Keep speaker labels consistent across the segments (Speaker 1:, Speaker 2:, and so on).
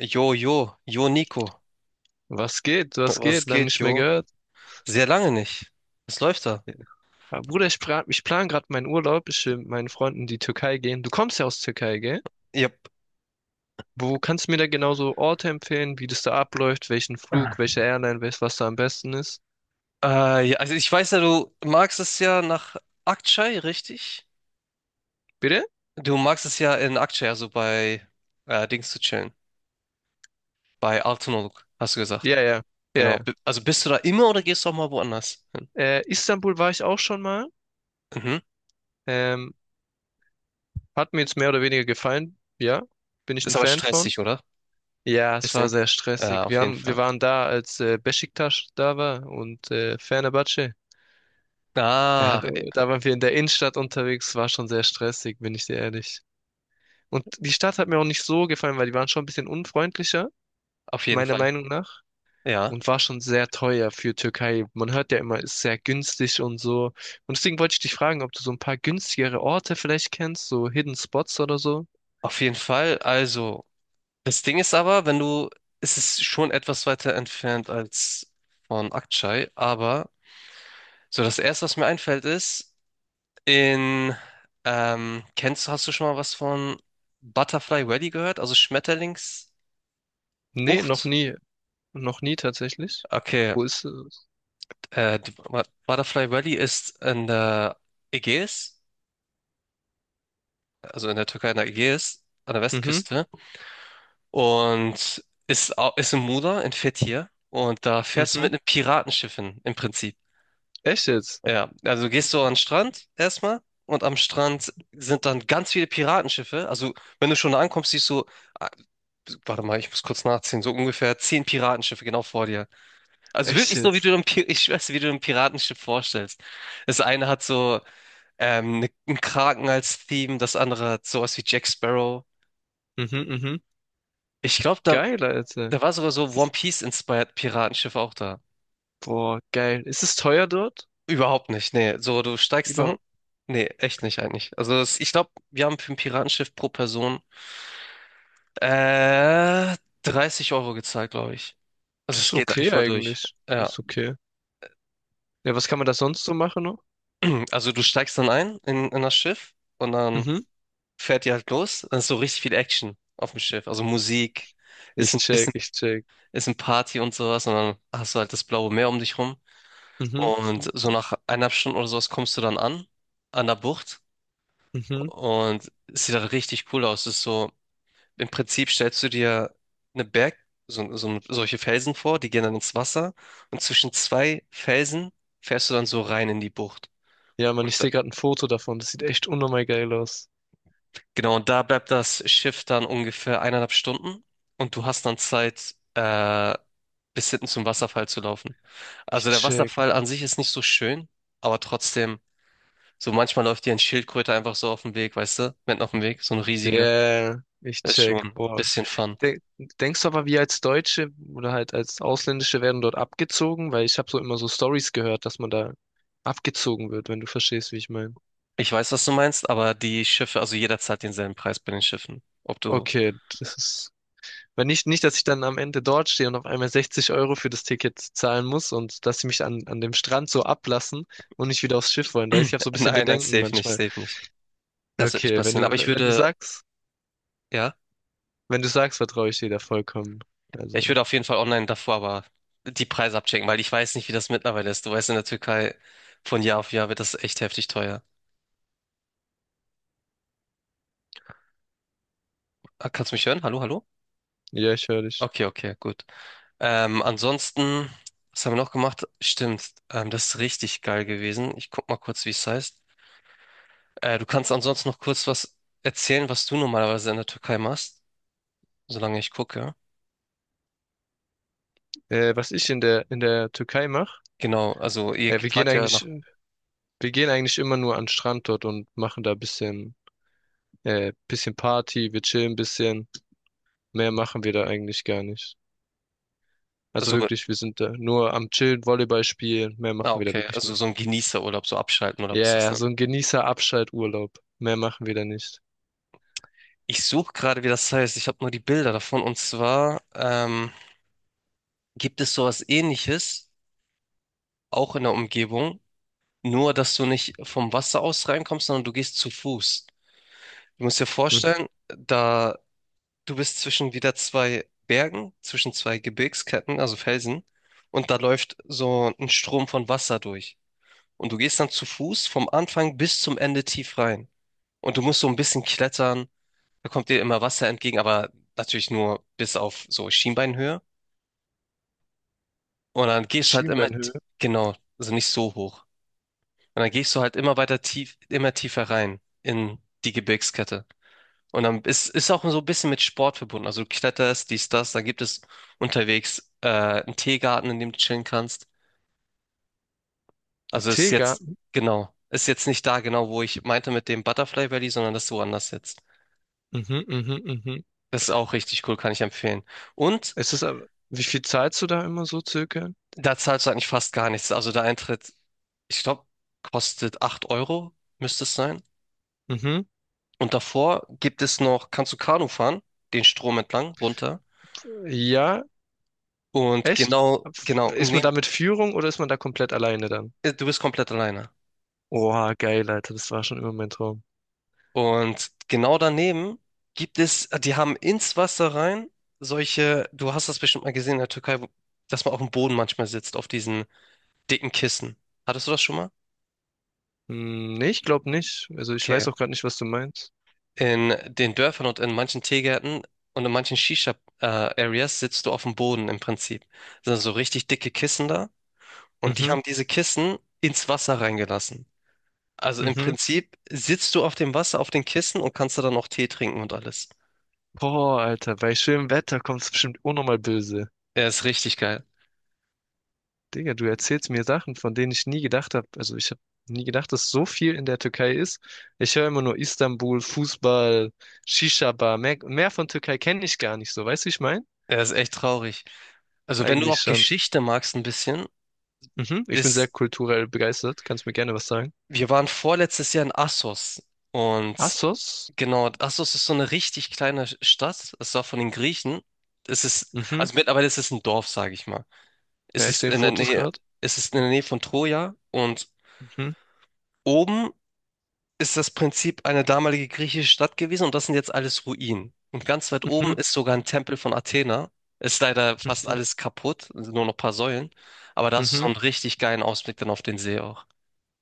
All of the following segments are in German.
Speaker 1: Jo, jo, jo, Nico.
Speaker 2: Was geht? Was
Speaker 1: Was
Speaker 2: geht? Lange
Speaker 1: geht,
Speaker 2: nicht mehr
Speaker 1: jo?
Speaker 2: gehört.
Speaker 1: Sehr lange nicht. Was läuft da?
Speaker 2: Aber Bruder, ich plan gerade meinen Urlaub. Ich will mit meinen Freunden in die Türkei gehen. Du kommst ja aus Türkei, gell?
Speaker 1: Yep.
Speaker 2: Wo kannst du mir da genauso Orte empfehlen, wie das da abläuft, welchen Flug, welche Airline, welches, was da am besten ist?
Speaker 1: Ja, also ich weiß ja, du magst es ja nach Aktschei, richtig?
Speaker 2: Bitte?
Speaker 1: Du magst es ja in Aktschei, also bei Dings zu chillen. Bei Altınoluk, hast du gesagt.
Speaker 2: Ja, ja, ja,
Speaker 1: Genau.
Speaker 2: ja.
Speaker 1: Also bist du da immer oder gehst du auch mal woanders hin?
Speaker 2: Istanbul war ich auch schon mal.
Speaker 1: Mhm.
Speaker 2: Ähm, hat mir jetzt mehr oder weniger gefallen. Ja, bin ich ein
Speaker 1: Ist aber
Speaker 2: Fan von.
Speaker 1: stressig, oder?
Speaker 2: Ja, es war
Speaker 1: Bisschen.
Speaker 2: sehr
Speaker 1: Ja,
Speaker 2: stressig.
Speaker 1: auf jeden
Speaker 2: Wir
Speaker 1: Fall.
Speaker 2: waren da, als Beşiktaş da war und Fenerbahçe. Er
Speaker 1: Ah,
Speaker 2: hat,
Speaker 1: e,
Speaker 2: da waren wir in der Innenstadt unterwegs, war schon sehr stressig, bin ich dir ehrlich. Und die Stadt hat mir auch nicht so gefallen, weil die waren schon ein bisschen unfreundlicher,
Speaker 1: auf jeden
Speaker 2: meiner
Speaker 1: Fall.
Speaker 2: Meinung nach.
Speaker 1: Ja,
Speaker 2: Und war schon sehr teuer für Türkei. Man hört ja immer, ist sehr günstig und so. Und deswegen wollte ich dich fragen, ob du so ein paar günstigere Orte vielleicht kennst, so Hidden Spots oder so.
Speaker 1: auf jeden Fall. Also. Das Ding ist aber, wenn du, es ist schon etwas weiter entfernt als von Akçay, aber so das Erste, was mir einfällt, ist, in, kennst du, hast du schon mal was von Butterfly Valley gehört? Also Schmetterlingsbucht?
Speaker 2: Nee, noch nie. Noch nie tatsächlich.
Speaker 1: Okay,
Speaker 2: Wo ist es?
Speaker 1: die Butterfly Valley ist in der Ägäis, also in der Türkei in der Ägäis, an der
Speaker 2: Mhm,
Speaker 1: Westküste und ist in Muğla, in Fethiye und da fährst du
Speaker 2: mhm.
Speaker 1: mit einem Piratenschiff hin, im Prinzip.
Speaker 2: Echt jetzt?
Speaker 1: Ja, also gehst du an den Strand erstmal und am Strand sind dann ganz viele Piratenschiffe. Also wenn du schon da ankommst, siehst du, ah, warte mal, ich muss kurz nachziehen, so ungefähr 10 Piratenschiffe genau vor dir. Also
Speaker 2: Echt
Speaker 1: wirklich so, wie du
Speaker 2: jetzt?
Speaker 1: dir ein, Pi- ich weiß, wie du dir ein Piratenschiff vorstellst. Das eine hat so ne, einen Kraken als Theme, das andere hat sowas wie Jack Sparrow.
Speaker 2: Mhm, mhm.
Speaker 1: Ich glaube, da,
Speaker 2: Geil, Alter.
Speaker 1: da war sogar so One Piece-inspired Piratenschiff auch da.
Speaker 2: Boah, geil. Ist es teuer dort?
Speaker 1: Überhaupt nicht, nee. So, du steigst dann.
Speaker 2: Überhaupt?
Speaker 1: Nee, echt nicht eigentlich. Also es, ich glaube, wir haben für ein Piratenschiff pro Person äh, 30 € gezahlt, glaube ich. Also
Speaker 2: Das
Speaker 1: es
Speaker 2: ist
Speaker 1: geht eigentlich
Speaker 2: okay
Speaker 1: voll durch.
Speaker 2: eigentlich.
Speaker 1: Ja.
Speaker 2: Ist okay. Ja, was kann man da sonst so machen noch?
Speaker 1: Also du steigst dann ein in das Schiff und dann
Speaker 2: Mhm.
Speaker 1: fährt ihr halt los. Dann ist so richtig viel Action auf dem Schiff. Also Musik, ist
Speaker 2: Ich
Speaker 1: ein
Speaker 2: check,
Speaker 1: bisschen,
Speaker 2: ich check.
Speaker 1: ist ein Party und sowas. Und dann hast du halt das blaue Meer um dich rum.
Speaker 2: Mhm,
Speaker 1: Und so nach 1,5 Stunden oder sowas kommst du dann an, an der Bucht.
Speaker 2: mhm.
Speaker 1: Und es sieht halt richtig cool aus. Es ist so. Im Prinzip stellst du dir eine Berg, solche Felsen vor, die gehen dann ins Wasser und zwischen zwei Felsen fährst du dann so rein in die Bucht.
Speaker 2: Ja, Mann,
Speaker 1: Und
Speaker 2: ich
Speaker 1: da,
Speaker 2: sehe gerade ein Foto davon. Das sieht echt unnormal geil aus.
Speaker 1: genau, und da bleibt das Schiff dann ungefähr 1,5 Stunden und du hast dann Zeit, bis hinten zum Wasserfall zu laufen.
Speaker 2: Ich
Speaker 1: Also der
Speaker 2: check.
Speaker 1: Wasserfall an sich ist nicht so schön, aber trotzdem, so manchmal läuft dir ein Schildkröte einfach so auf dem Weg, weißt du, mitten auf dem Weg, so ein riesiger,
Speaker 2: Yeah, ich
Speaker 1: ist schon
Speaker 2: check.
Speaker 1: ein
Speaker 2: Boah.
Speaker 1: bisschen Fun.
Speaker 2: De denkst du aber, wir als Deutsche oder halt als Ausländische werden dort abgezogen? Weil ich habe so immer so Stories gehört, dass man da abgezogen wird, wenn du verstehst, wie ich meine.
Speaker 1: Ich weiß, was du meinst, aber die Schiffe, also jeder zahlt denselben Preis bei den Schiffen. Ob du,
Speaker 2: Okay. das ist Weil nicht, dass ich dann am Ende dort stehe und auf einmal 60 € für das Ticket zahlen muss und dass sie mich an dem Strand so ablassen und nicht wieder aufs Schiff wollen. Da ich habe so ein bisschen
Speaker 1: nein, nein,
Speaker 2: Bedenken
Speaker 1: safe nicht,
Speaker 2: manchmal.
Speaker 1: safe nicht. Das wird nicht
Speaker 2: Okay, wenn
Speaker 1: passieren.
Speaker 2: du,
Speaker 1: Aber
Speaker 2: wenn du sagst,
Speaker 1: ja,
Speaker 2: wenn du sagst, vertraue ich dir da vollkommen.
Speaker 1: ja, ich
Speaker 2: Also,
Speaker 1: würde auf jeden Fall online davor aber die Preise abchecken, weil ich weiß nicht, wie das mittlerweile ist. Du weißt, in der Türkei von Jahr auf Jahr wird das echt heftig teuer. Ah, kannst du mich hören? Hallo, hallo?
Speaker 2: ja, ich höre dich.
Speaker 1: Okay, okay, gut. Ansonsten, was haben wir noch gemacht? Stimmt, das ist richtig geil gewesen. Ich guck mal kurz, wie es heißt. Du kannst ansonsten noch kurz was erzählen, was du normalerweise in der Türkei machst, solange ich gucke.
Speaker 2: Was ich in der Türkei mache,
Speaker 1: Genau, also ihr
Speaker 2: äh, wir gehen
Speaker 1: fahrt ja nach,
Speaker 2: eigentlich, wir gehen eigentlich immer nur an den Strand dort und machen da ein bisschen Party, wir chillen ein bisschen. Mehr machen wir da eigentlich gar nicht. Also
Speaker 1: also,
Speaker 2: wirklich, wir sind da nur am Chillen, Volleyball spielen. Mehr machen wir da
Speaker 1: okay,
Speaker 2: wirklich
Speaker 1: also so
Speaker 2: nicht.
Speaker 1: ein Genießerurlaub, so abschalten oder
Speaker 2: Ja,
Speaker 1: was ist das
Speaker 2: yeah,
Speaker 1: denn?
Speaker 2: so ein Genießer-Abschalturlaub. Mehr machen wir da nicht.
Speaker 1: Ich suche gerade, wie das heißt. Ich habe nur die Bilder davon. Und zwar gibt es sowas Ähnliches, auch in der Umgebung, nur dass du nicht vom Wasser aus reinkommst, sondern du gehst zu Fuß. Du musst dir
Speaker 2: Mhm.
Speaker 1: vorstellen, da du bist zwischen wieder zwei Bergen, zwischen zwei Gebirgsketten, also Felsen, und da läuft so ein Strom von Wasser durch. Und du gehst dann zu Fuß vom Anfang bis zum Ende tief rein. Und du musst so ein bisschen klettern. Da kommt dir immer Wasser entgegen, aber natürlich nur bis auf so Schienbeinhöhe. Und dann gehst du halt immer,
Speaker 2: Schienbeinhöhe.
Speaker 1: genau, also nicht so hoch. Und dann gehst du halt immer weiter tief, immer tiefer rein in die Gebirgskette. Und dann ist auch so ein bisschen mit Sport verbunden. Also du kletterst, dies, das, dann gibt es unterwegs einen Teegarten, in dem du chillen kannst. Also ist
Speaker 2: Tega.
Speaker 1: jetzt, genau, ist jetzt nicht da genau, wo ich meinte mit dem Butterfly Valley, sondern das ist woanders jetzt.
Speaker 2: Mhm, mhm, mhm.
Speaker 1: Das ist auch richtig cool, kann ich empfehlen. Und
Speaker 2: Es ist das aber, wie viel zahlst du da immer so circa?
Speaker 1: da zahlst du eigentlich fast gar nichts. Also der Eintritt, ich glaube, kostet 8 Euro, müsste es sein.
Speaker 2: Mhm.
Speaker 1: Und davor gibt es noch, kannst du Kanu fahren, den Strom entlang, runter.
Speaker 2: Ja,
Speaker 1: Und
Speaker 2: echt?
Speaker 1: genau, genau, und
Speaker 2: Ist man
Speaker 1: neben,
Speaker 2: da mit Führung oder ist man da komplett alleine dann?
Speaker 1: du bist komplett alleine.
Speaker 2: Oha, geil, Alter, das war schon immer mein Traum.
Speaker 1: Und genau daneben gibt es, die haben ins Wasser rein solche, du hast das bestimmt mal gesehen in der Türkei, dass man auf dem Boden manchmal sitzt, auf diesen dicken Kissen. Hattest du das schon mal?
Speaker 2: Hm, nee, ich glaube nicht. Also ich
Speaker 1: Okay,
Speaker 2: weiß auch gerade nicht, was du meinst.
Speaker 1: in den Dörfern und in manchen Teegärten und in manchen Shisha-Areas sitzt du auf dem Boden im Prinzip. Das sind so richtig dicke Kissen da und die
Speaker 2: Mhm,
Speaker 1: haben diese Kissen ins Wasser reingelassen. Also im
Speaker 2: mhm.
Speaker 1: Prinzip sitzt du auf dem Wasser, auf den Kissen und kannst da dann auch Tee trinken und alles.
Speaker 2: Boah, Alter, bei schönem Wetter kommt's bestimmt auch nochmal böse.
Speaker 1: Er ist richtig geil.
Speaker 2: Digga, du erzählst mir Sachen, von denen ich nie gedacht habe. Also ich habe nie gedacht, dass so viel in der Türkei ist. Ich höre immer nur Istanbul, Fußball, Shisha-Bar. Mehr von Türkei kenne ich gar nicht so. Weißt du, wie ich meine?
Speaker 1: Er ist echt traurig. Also wenn du
Speaker 2: Eigentlich
Speaker 1: auch
Speaker 2: schon.
Speaker 1: Geschichte magst ein bisschen,
Speaker 2: Mhm. Ich bin sehr
Speaker 1: ist
Speaker 2: kulturell begeistert. Kannst mir gerne was sagen.
Speaker 1: Wir waren vorletztes Jahr in Assos und
Speaker 2: Assos?
Speaker 1: genau, Assos ist so eine richtig kleine Stadt. Es war von den Griechen. Es ist,
Speaker 2: Mhm.
Speaker 1: also mittlerweile ist es ein Dorf, sage ich mal. Es
Speaker 2: Ja, ich
Speaker 1: ist
Speaker 2: sehe
Speaker 1: in der
Speaker 2: Fotos
Speaker 1: Nähe,
Speaker 2: gerade.
Speaker 1: es ist in der Nähe von Troja und
Speaker 2: Mhm.
Speaker 1: oben ist das Prinzip eine damalige griechische Stadt gewesen und das sind jetzt alles Ruinen. Und ganz weit oben
Speaker 2: Mhm.
Speaker 1: ist sogar ein Tempel von Athena. Ist leider fast
Speaker 2: Mhm.
Speaker 1: alles kaputt, sind nur noch ein paar Säulen. Aber da hast du so
Speaker 2: Mhm.
Speaker 1: einen richtig geilen Ausblick dann auf den See auch.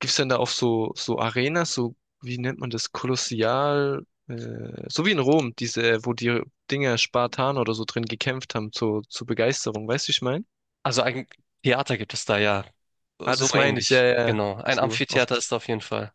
Speaker 2: Gibt's denn da auch so Arenas, so, wie nennt man das, Kolossial, so wie in Rom, diese, wo die Dinger Spartaner oder so drin gekämpft haben, zur Begeisterung, weißt du, wie ich meine?
Speaker 1: Also ein Theater gibt es da ja.
Speaker 2: Ah,
Speaker 1: So
Speaker 2: das meine ich, ja,
Speaker 1: ähnlich.
Speaker 2: ja, ja.
Speaker 1: Genau. Ein
Speaker 2: so, auf,
Speaker 1: Amphitheater
Speaker 2: die-
Speaker 1: ist da auf jeden Fall.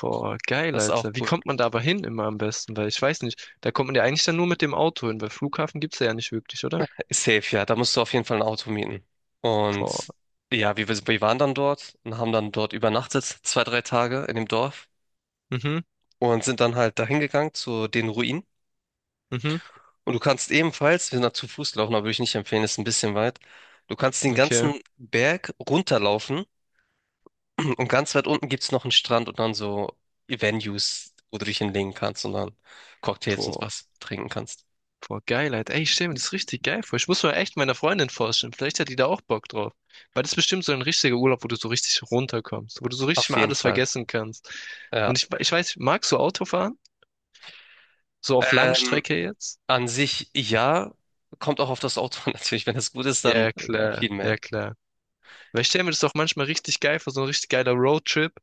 Speaker 2: boah, geil,
Speaker 1: Das ist auch
Speaker 2: Alter. Wie
Speaker 1: cool.
Speaker 2: kommt man da aber hin immer am besten? Weil ich weiß nicht, da kommt man ja eigentlich dann nur mit dem Auto hin, weil Flughafen gibt's ja nicht wirklich, oder?
Speaker 1: Safe, ja. Da musst du auf jeden Fall ein Auto mieten.
Speaker 2: Boah,
Speaker 1: Und ja, wir waren dann dort und haben dann dort übernachtet, zwei, drei Tage in dem Dorf
Speaker 2: mhm,
Speaker 1: und sind dann halt dahin gegangen zu den Ruinen.
Speaker 2: mhm,
Speaker 1: Und du kannst ebenfalls, wir sind da zu Fuß gelaufen, aber würde ich nicht empfehlen, ist ein bisschen weit. Du kannst den
Speaker 2: okay,
Speaker 1: ganzen Berg runterlaufen. Und ganz weit unten gibt es noch einen Strand und dann so Venues, wo du dich hinlegen kannst und dann Cocktails und
Speaker 2: boah.
Speaker 1: was trinken kannst.
Speaker 2: Boah, geil, Alter. Ey, ich stell mir das richtig geil vor. Ich muss mal echt meiner Freundin vorstellen. Vielleicht hat die da auch Bock drauf. Weil das ist bestimmt so ein richtiger Urlaub, wo du so richtig runterkommst, wo du so richtig
Speaker 1: Auf
Speaker 2: mal
Speaker 1: jeden
Speaker 2: alles
Speaker 1: Fall,
Speaker 2: vergessen kannst. Und
Speaker 1: ja.
Speaker 2: ich weiß, magst du Autofahren? So auf
Speaker 1: Ähm,
Speaker 2: Langstrecke jetzt?
Speaker 1: an sich ja, kommt auch auf das Auto an, natürlich. Wenn das gut ist,
Speaker 2: Ja,
Speaker 1: dann
Speaker 2: ja, klar,
Speaker 1: viel
Speaker 2: ja,
Speaker 1: mehr.
Speaker 2: klar. Weil ich stell mir das auch manchmal richtig geil vor, so ein richtig geiler Roadtrip.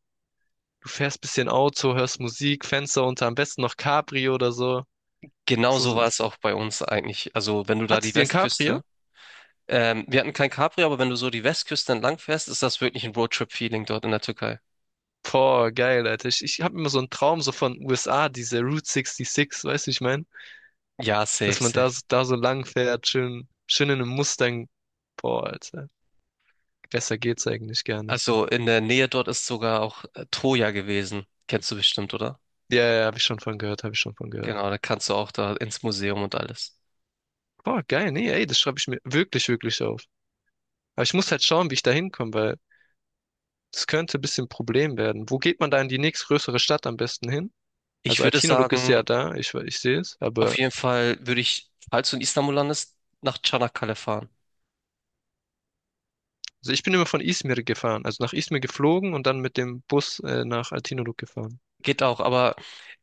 Speaker 2: Du fährst bisschen Auto, hörst Musik, Fenster unter, am besten noch Cabrio oder so.
Speaker 1: Genau so
Speaker 2: so
Speaker 1: war es auch bei uns eigentlich. Also wenn du da
Speaker 2: hat
Speaker 1: die
Speaker 2: sie dir ein Cabrio?
Speaker 1: Westküste, wir hatten kein Capri, aber wenn du so die Westküste entlang fährst, ist das wirklich ein Roadtrip-Feeling dort in der Türkei.
Speaker 2: Boah, geil, Alter. Ich habe immer so einen Traum so von USA, diese Route 66, weißt du, wie ich meine?
Speaker 1: Ja, safe,
Speaker 2: dass man da, so-
Speaker 1: safe.
Speaker 2: da so lang fährt, schön, schön in einem Mustang. Boah, Alter. Besser geht's eigentlich gar nicht.
Speaker 1: Also in der Nähe dort ist sogar auch Troja gewesen. Kennst du bestimmt, oder?
Speaker 2: Ja, ja, habe ich schon von gehört, habe ich schon von gehört.
Speaker 1: Genau, da kannst du auch da ins Museum und alles.
Speaker 2: Boah, geil, nee, ey, das schreibe ich mir wirklich, wirklich auf. Aber ich muss halt schauen, wie ich da hinkomme, weil das könnte ein bisschen ein Problem werden. Wo geht man da in die nächstgrößere Stadt am besten hin?
Speaker 1: Ich
Speaker 2: Also
Speaker 1: würde
Speaker 2: Altinoluk ist
Speaker 1: sagen,
Speaker 2: ja da, ich sehe es,
Speaker 1: auf
Speaker 2: aber
Speaker 1: jeden Fall würde ich, falls du in Istanbul landest, nach Çanakkale fahren.
Speaker 2: also ich bin immer von Izmir gefahren, also nach Izmir geflogen und dann mit dem Bus nach Altinoluk gefahren.
Speaker 1: Geht auch, aber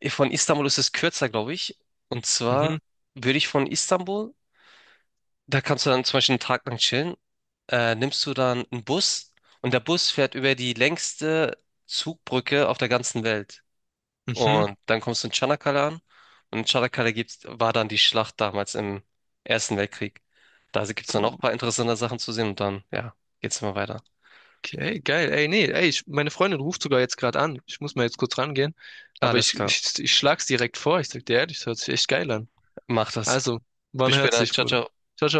Speaker 1: von Istanbul ist es kürzer, glaube ich. Und
Speaker 2: Mhm,
Speaker 1: zwar würde ich von Istanbul, da kannst du dann zum Beispiel einen Tag lang chillen, nimmst du dann einen Bus und der Bus fährt über die längste Zugbrücke auf der ganzen Welt.
Speaker 2: mhm.
Speaker 1: Und dann kommst du in Tschanakala an. Und in Tschanakala gibt's, war dann die Schlacht damals im Ersten Weltkrieg. Da gibt es dann auch ein
Speaker 2: Boah.
Speaker 1: paar interessante Sachen zu sehen und dann, ja, geht's immer weiter.
Speaker 2: Okay, geil. Ey, nee, ey, meine Freundin ruft sogar jetzt gerade an. Ich muss mal jetzt kurz rangehen. Aber
Speaker 1: Alles
Speaker 2: ich,
Speaker 1: klar.
Speaker 2: ich, ich schlag's direkt vor. Ich sag dir ehrlich, das hört sich echt geil an.
Speaker 1: Mach das.
Speaker 2: Also, wann
Speaker 1: Bis
Speaker 2: hört's
Speaker 1: später.
Speaker 2: sich,
Speaker 1: Ciao,
Speaker 2: Bruder?
Speaker 1: ciao.
Speaker 2: Ciao, ciao.